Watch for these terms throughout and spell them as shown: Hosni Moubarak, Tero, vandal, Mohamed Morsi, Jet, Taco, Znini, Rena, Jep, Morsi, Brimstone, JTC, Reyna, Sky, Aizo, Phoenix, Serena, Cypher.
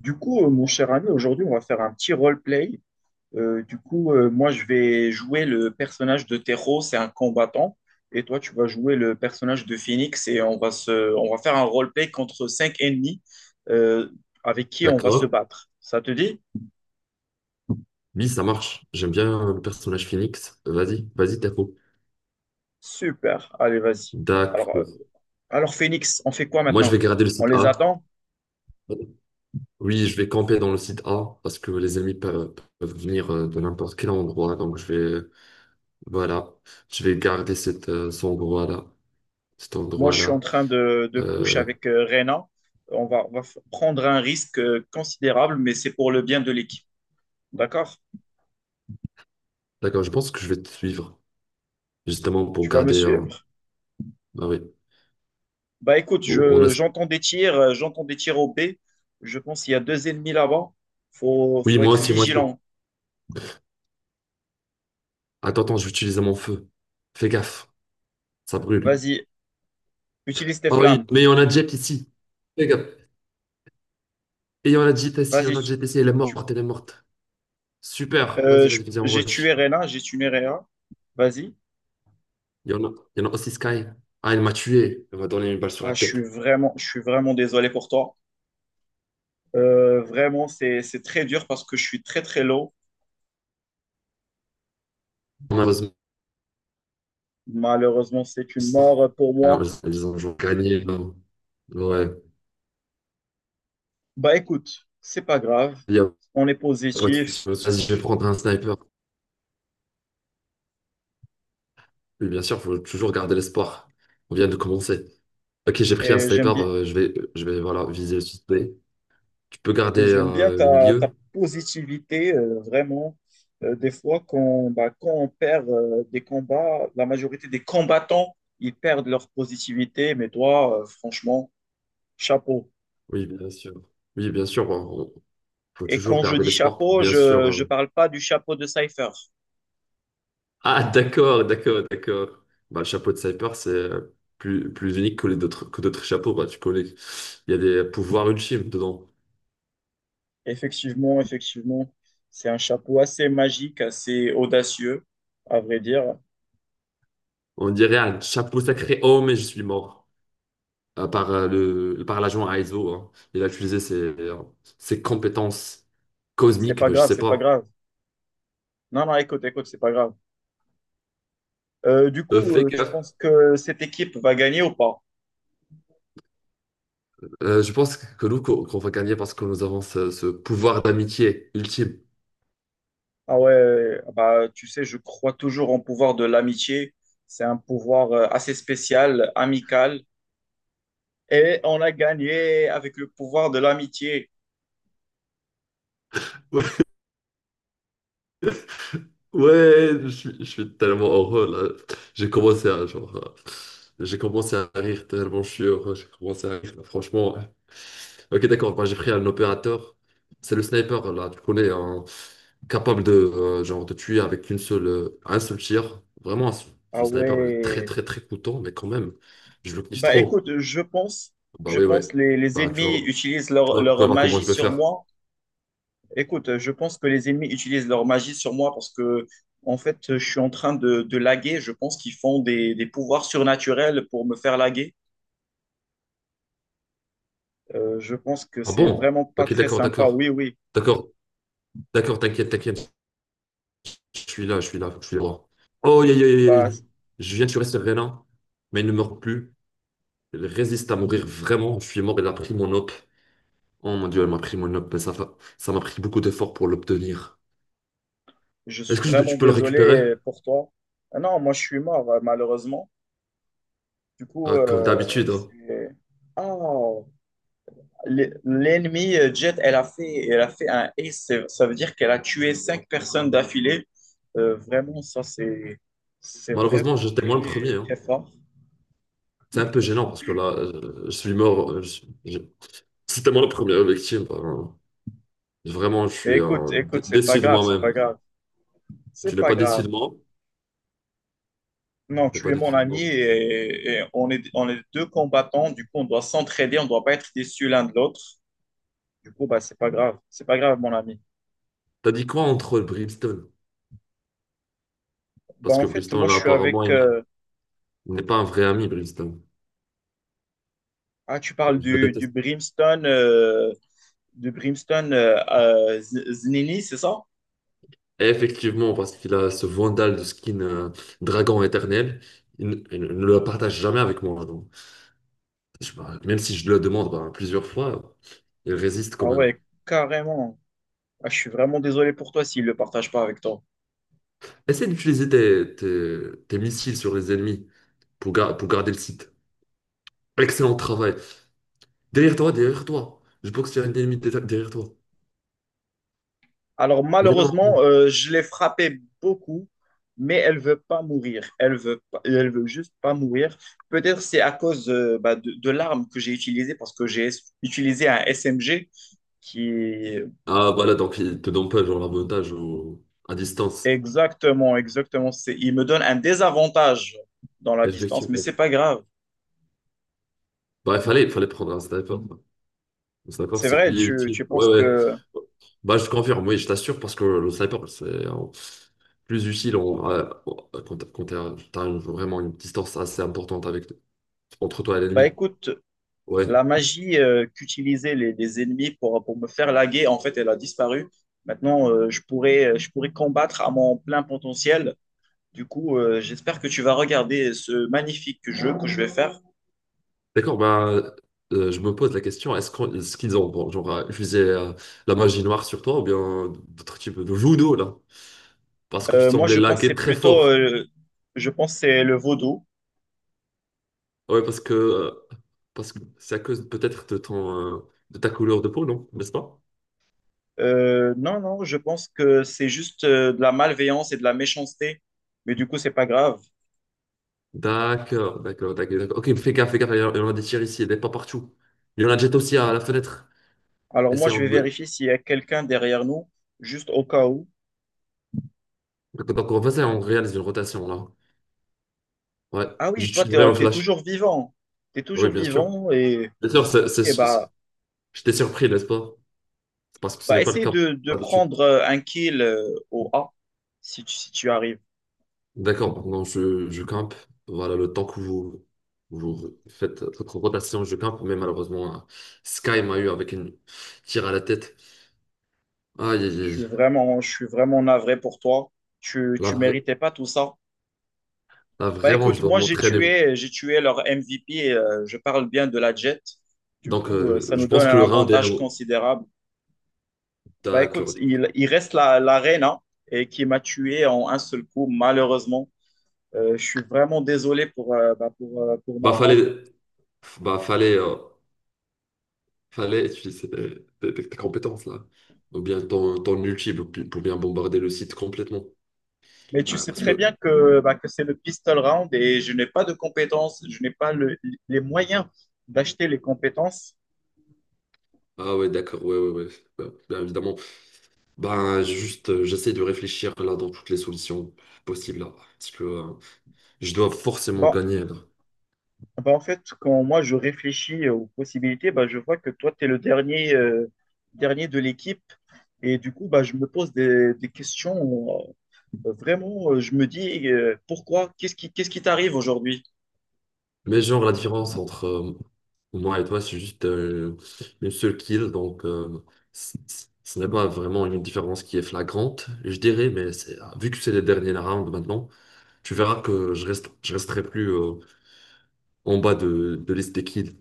Du coup, mon cher ami, aujourd'hui, on va faire un petit roleplay. Du coup, moi, je vais jouer le personnage de Tero, c'est un combattant. Et toi, tu vas jouer le personnage de Phoenix et on va faire un roleplay contre cinq ennemis euh, avec qui on va se D'accord. battre. Ça te dit? Oui, ça marche. J'aime bien le personnage Phoenix. Vas-y, vas-y, Taco. Super. Allez, vas-y. Alors, euh, D'accord. alors, Phoenix, on fait quoi Moi, je vais maintenant? garder le On site les A. attend? Oui, je vais camper dans le site A parce que les ennemis peuvent venir de n'importe quel endroit. Donc, vais, voilà, je vais garder cet endroit-là. Cet Moi, je suis en endroit-là. train de push Euh, avec Reyna. Prendre un risque considérable, mais c'est pour le bien de l'équipe. D'accord? d'accord, je pense que je vais te suivre justement pour Tu vas me garder. Suivre? Ah oui. Bah écoute, Pour- on a- j'entends des tirs, au B. Je pense qu'il y a deux ennemis là-bas. Faut, Oui, faut moi être aussi, moi aussi. vigilant. Attends, attends, je vais utiliser mon feu. Fais gaffe, ça brûle. Vas-y, utilise tes Ah oui, flammes. mais on a Jep ici. Fais gaffe. Et il y en a de JTC, il y Vas-y. en a de JTC, elle est tu- morte, elle est morte. Super, vas-y, vas-y, viens, on j'ai tué rush. Rena, j'ai tué Rena. Vas-y. Il y en a, il y en a aussi Sky. Ah, elle m'a tué, elle m'a donné une balle sur Ah, la tête. Je suis vraiment désolé pour toi. Vraiment, c'est très dur parce que je suis très très low. Malheureusement, Malheureusement, c'est une mort pour alors, moi. ils ont gagné. Non. Ouais, Bah écoute, c'est pas grave. il y a On est pas de souci. positif Vas-y, je vais prendre un sniper. Oui, bien sûr, il faut toujours garder l'espoir. On vient de commencer. Ok, j'ai pris un et j'aime sniper, bien, je vais voilà, viser le suspect. Tu peux garder Et j'aime bien le ta milieu? positivité, vraiment. Des fois, bah, quand on perd des combats, la majorité des combattants, ils perdent leur positivité. Mais toi, franchement, chapeau. Oui, bien sûr. Oui, bien sûr, il faut Et toujours quand je garder dis l'espoir pour chapeau, bien sûr. je ne parle pas du chapeau de Cypher. Ah, d'accord, d'accord, d'accord. Bah, le chapeau de sniper, c'est plus unique que que d'autres chapeaux, bah, tu connais. Il y a des pouvoirs ultimes dedans. Effectivement, effectivement, c'est un chapeau assez magique, assez audacieux, à vrai dire. On dirait un chapeau sacré. Oh, mais je suis mort. Par par l'agent Aizo, hein. Il a utilisé ses compétences C'est cosmiques, pas mais je grave, sais c'est pas pas. grave. Non, non, écoute, écoute, c'est pas grave. Du coup, Fais tu gaffe. penses que cette équipe va gagner ou pas? Je pense que nous, qu'on va gagner parce que nous avons ce pouvoir d'amitié ultime. Ah ouais, bah, tu sais, je crois toujours en pouvoir de l'amitié. C'est un pouvoir assez spécial, amical. Et on a gagné avec le pouvoir de l'amitié. Ouais, je suis tellement heureux là. J'ai commencé à rire tellement je suis heureux. J'ai commencé à rire. Franchement, ouais. Ok, d'accord. Moi, j'ai pris un opérateur. C'est le sniper là. Tu connais, hein, capable de genre de tuer avec un seul tir. Vraiment, Ah ce sniper il est très ouais. très très coûteux, mais quand même, je le kiffe Bah trop. écoute, Bah je oui, ouais. pense les Bah ennemis utilisent leur, tu leur vas voir comment magie je vais sur faire. moi. Écoute, je pense que les ennemis utilisent leur magie sur moi parce que, en fait, je suis en train de laguer. Je pense qu'ils font des pouvoirs surnaturels pour me faire laguer. Je pense que Ah c'est bon? vraiment pas Ok, très d'accord, sympa. d'accord, Oui, oui. d'accord, d'accord. T'inquiète, t'inquiète. Je suis là, faut que je suis droit. Oh, yeah, yeah, yeah. Bah, Yeah. Je viens de tuer Serena, mais elle ne meurt plus. Elle résiste à mourir vraiment. Je suis mort, elle a pris mon op. Oh mon Dieu, elle m'a pris mon op, mais ça m'a pris beaucoup d'efforts pour l'obtenir. je Est-ce suis que vraiment tu peux le récupérer? désolé pour toi. Ah non, moi je suis mort, malheureusement. Du coup, Ah, comme d'habitude, hein. c'est. Ah, l'ennemi Jet, elle a fait un ace. Ça veut dire qu'elle a tué cinq personnes d'affilée. Vraiment, ça c'est vraiment Malheureusement, j'étais moi le premier, très, hein. très fort. C'est un peu gênant parce que là, je suis mort. C'était moi la première victime, ben, vraiment, je Mais suis écoute, écoute, c'est pas déçu de grave, c'est moi-même. pas grave, Tu c'est n'es pas pas déçu grave. de moi? Non, T'es tu pas es mon déçu de ami moi. et on est deux combattants. Du coup, on doit s'entraider, on doit pas être déçus l'un de l'autre. Du coup, bah, c'est pas grave, mon ami. T'as dit quoi entre Brimstone? Bah, Parce en que fait, Briston, moi, là, je suis apparemment, avec. Il n'est pas un vrai ami, Briston. Ah, tu parles Je le du déteste. Brimstone, du Brimstone Znini, c'est ça? Effectivement, parce qu'il a ce vandal de skin dragon éternel, il ne le partage jamais avec moi. Donc, bah, même si je le demande bah, plusieurs fois, il résiste quand Ah même. ouais, carrément. Ah, je suis vraiment désolé pour toi s'il ne le partage pas avec toi. Essaie d'utiliser tes missiles sur les ennemis pour, pour garder le site. Excellent travail. Derrière toi, derrière toi. Je pense qu'il y a un ennemi derrière toi. Alors Mais malheureusement, non. Je l'ai frappée beaucoup, mais elle veut pas mourir. Elle veut juste pas mourir. Peut-être c'est à cause bah, de l'arme que j'ai utilisée parce que j'ai utilisé un SMG qui est- Ah, voilà, donc il te donne pas genre l'avantage à distance. exactement, exactement. Il me donne un désavantage dans la distance, mais Effectivement. c'est pas grave. Bah, il fallait prendre un sniper. Le sniper, C'est c'est vrai, plus tu utile. Ouais, penses ouais. que Bah, je confirme, oui, je t'assure, parce que le sniper, c'est plus utile quand t'as vraiment une distance assez importante avec, entre toi et bah l'ennemi. écoute, Ouais. la magie qu'utilisaient les ennemis pour me faire laguer, en fait, elle a disparu. Maintenant, je pourrais combattre à mon plein potentiel. Du coup, j'espère que tu vas regarder ce magnifique jeu que je vais faire. D'accord, bah, je me pose la question, est-ce qu'ils ont bon, utilisé la magie noire sur toi ou bien d'autres types de judo, là? Parce que tu Moi, semblais je pense que laguer c'est très plutôt, fort. Je pense que c'est le vaudou. Ouais, parce que c'est à cause peut-être de ton de ta couleur de peau, non? N'est-ce pas? Non, non, je pense que c'est juste de la malveillance et de la méchanceté. Mais du coup, c'est pas grave. D'accord, d'accord, d'accord. D'accord. Ok, fais gaffe, il y en a des tirs ici, il y en a pas partout. Il y en a jet aussi à la fenêtre. Alors moi, Essayons je vais de... vérifier s'il y a quelqu'un derrière nous, juste au cas où. Donc, on va essayer, on réalise une rotation là. Ouais, Ah oui, toi, t'es, j'utiliserai un t'es flash. toujours vivant. T'es Oui, toujours bien sûr. vivant et. Bien sûr, Ok, bah, je t'ai surpris, n'est-ce pas? C'est parce que ce bah n'est pas le essaye cas de d'habitude. prendre un kill au A si tu arrives. D'accord, maintenant je campe. Voilà, le temps que vous, vous faites votre rotation, je campe. Mais malheureusement, hein, Sky m'a eu avec une tire à la tête. Aïe, aïe, aïe. Je suis vraiment navré pour toi. Tu, Là, tu vra- méritais pas tout ça. Là, Bah vraiment, écoute, je dois moi m'entraîner. J'ai tué leur MVP. Je parle bien de la Jet. Du Donc, coup, ça je nous donne pense un que le round est... avantage considérable. Bah écoute, D'accord. il reste l'Arena et qui m'a tué en un seul coup, malheureusement. Je suis vraiment désolé pour, bah, pour Bah, ma mort. fallait... Bah, fallait utiliser tes compétences, là. Ou bien ton ulti pour bien bombarder le site complètement. Mais tu Ah, sais parce très que... bien que, bah, que c'est le pistol round et je n'ai pas de compétences, je n'ai pas les moyens d'acheter les compétences. Ah ouais, d'accord. Ouais, ouais, ouais. Bah, bien évidemment. Bah, juste, j'essaie de réfléchir, là, dans toutes les solutions possibles, là. Parce que je dois forcément Bon, gagner, là. bah, en fait, quand moi je réfléchis aux possibilités, bah, je vois que toi, tu es dernier de l'équipe. Et du coup, bah, je me pose des questions. euh, Vraiment, je me dis, pourquoi? Qu'est-ce qui t'arrive aujourd'hui? Mais genre, la différence entre moi et toi, c'est juste une seule kill. Donc, ce n'est pas vraiment une différence qui est flagrante, je dirais. Ah, vu que c'est les derniers rounds maintenant, tu verras que je resterai plus en bas de liste des kills.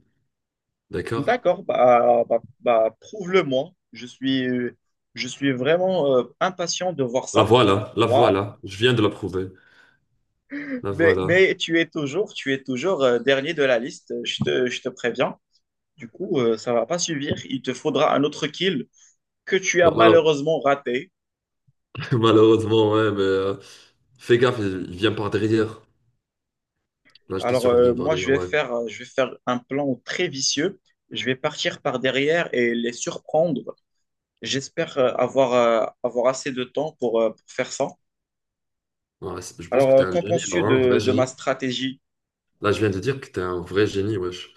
D'accord? D'accord, bah, prouve-le-moi. Je suis vraiment impatient de voir La ça. voilà, la Waouh. voilà. Je viens de la prouver. La Mais, voilà. mais tu es toujours, dernier de la liste, je te préviens. Du coup, ça va pas suffire. Il te faudra un autre kill que tu as Bah, malheure- malheureusement raté. malheureusement, ouais, mais fais gaffe, il vient par derrière. Là, je Alors, t'assure, il vient par moi, je derrière, vais ouais. faire, un plan très vicieux. Je vais partir par derrière et les surprendre. J'espère avoir, assez de temps pour, faire ça. Ouais, je pense Alors, que t'es un qu'en génie, là, penses-tu hein, un vrai de ma génie. stratégie? Là, je viens de dire que t'es un vrai génie, wesh.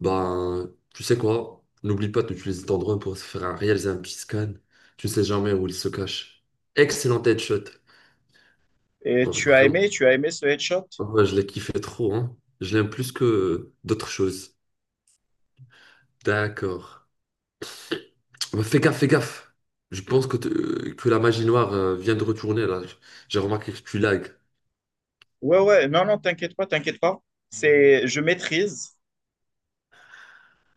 Ben, tu sais quoi? N'oublie pas d'utiliser ton drone pour se faire réaliser un petit scan. Tu ne sais jamais où il se cache. Excellent headshot. Et Ben, vraiment, tu as aimé ce headshot? ah ouais, je l'ai kiffé trop, hein. Je l'aime plus que d'autres choses. D'accord. Ben, fais gaffe, fais gaffe. Je pense que, que la magie noire vient de retourner, là. J'ai remarqué que tu lags. Ouais, ouais, non, non, t'inquiète pas, t'inquiète pas. Je maîtrise.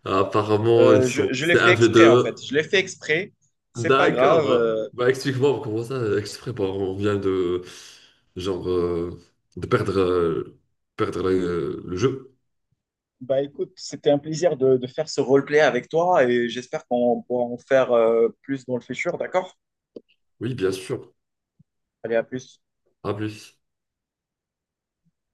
Apparemment, ils je, sont... je l'ai C'est fait un v exprès, en 2. fait. Je l'ai fait exprès. C'est pas D'accord. grave. Bah, bah, explique-moi comment ça, exprès, bah, on vient de genre euh, de perdre euh, perdre le jeu. Bah, écoute, c'était un plaisir de faire ce roleplay avec toi et j'espère qu'on pourra en faire plus dans le futur, d'accord? Oui, bien sûr. Allez, à plus. À plus.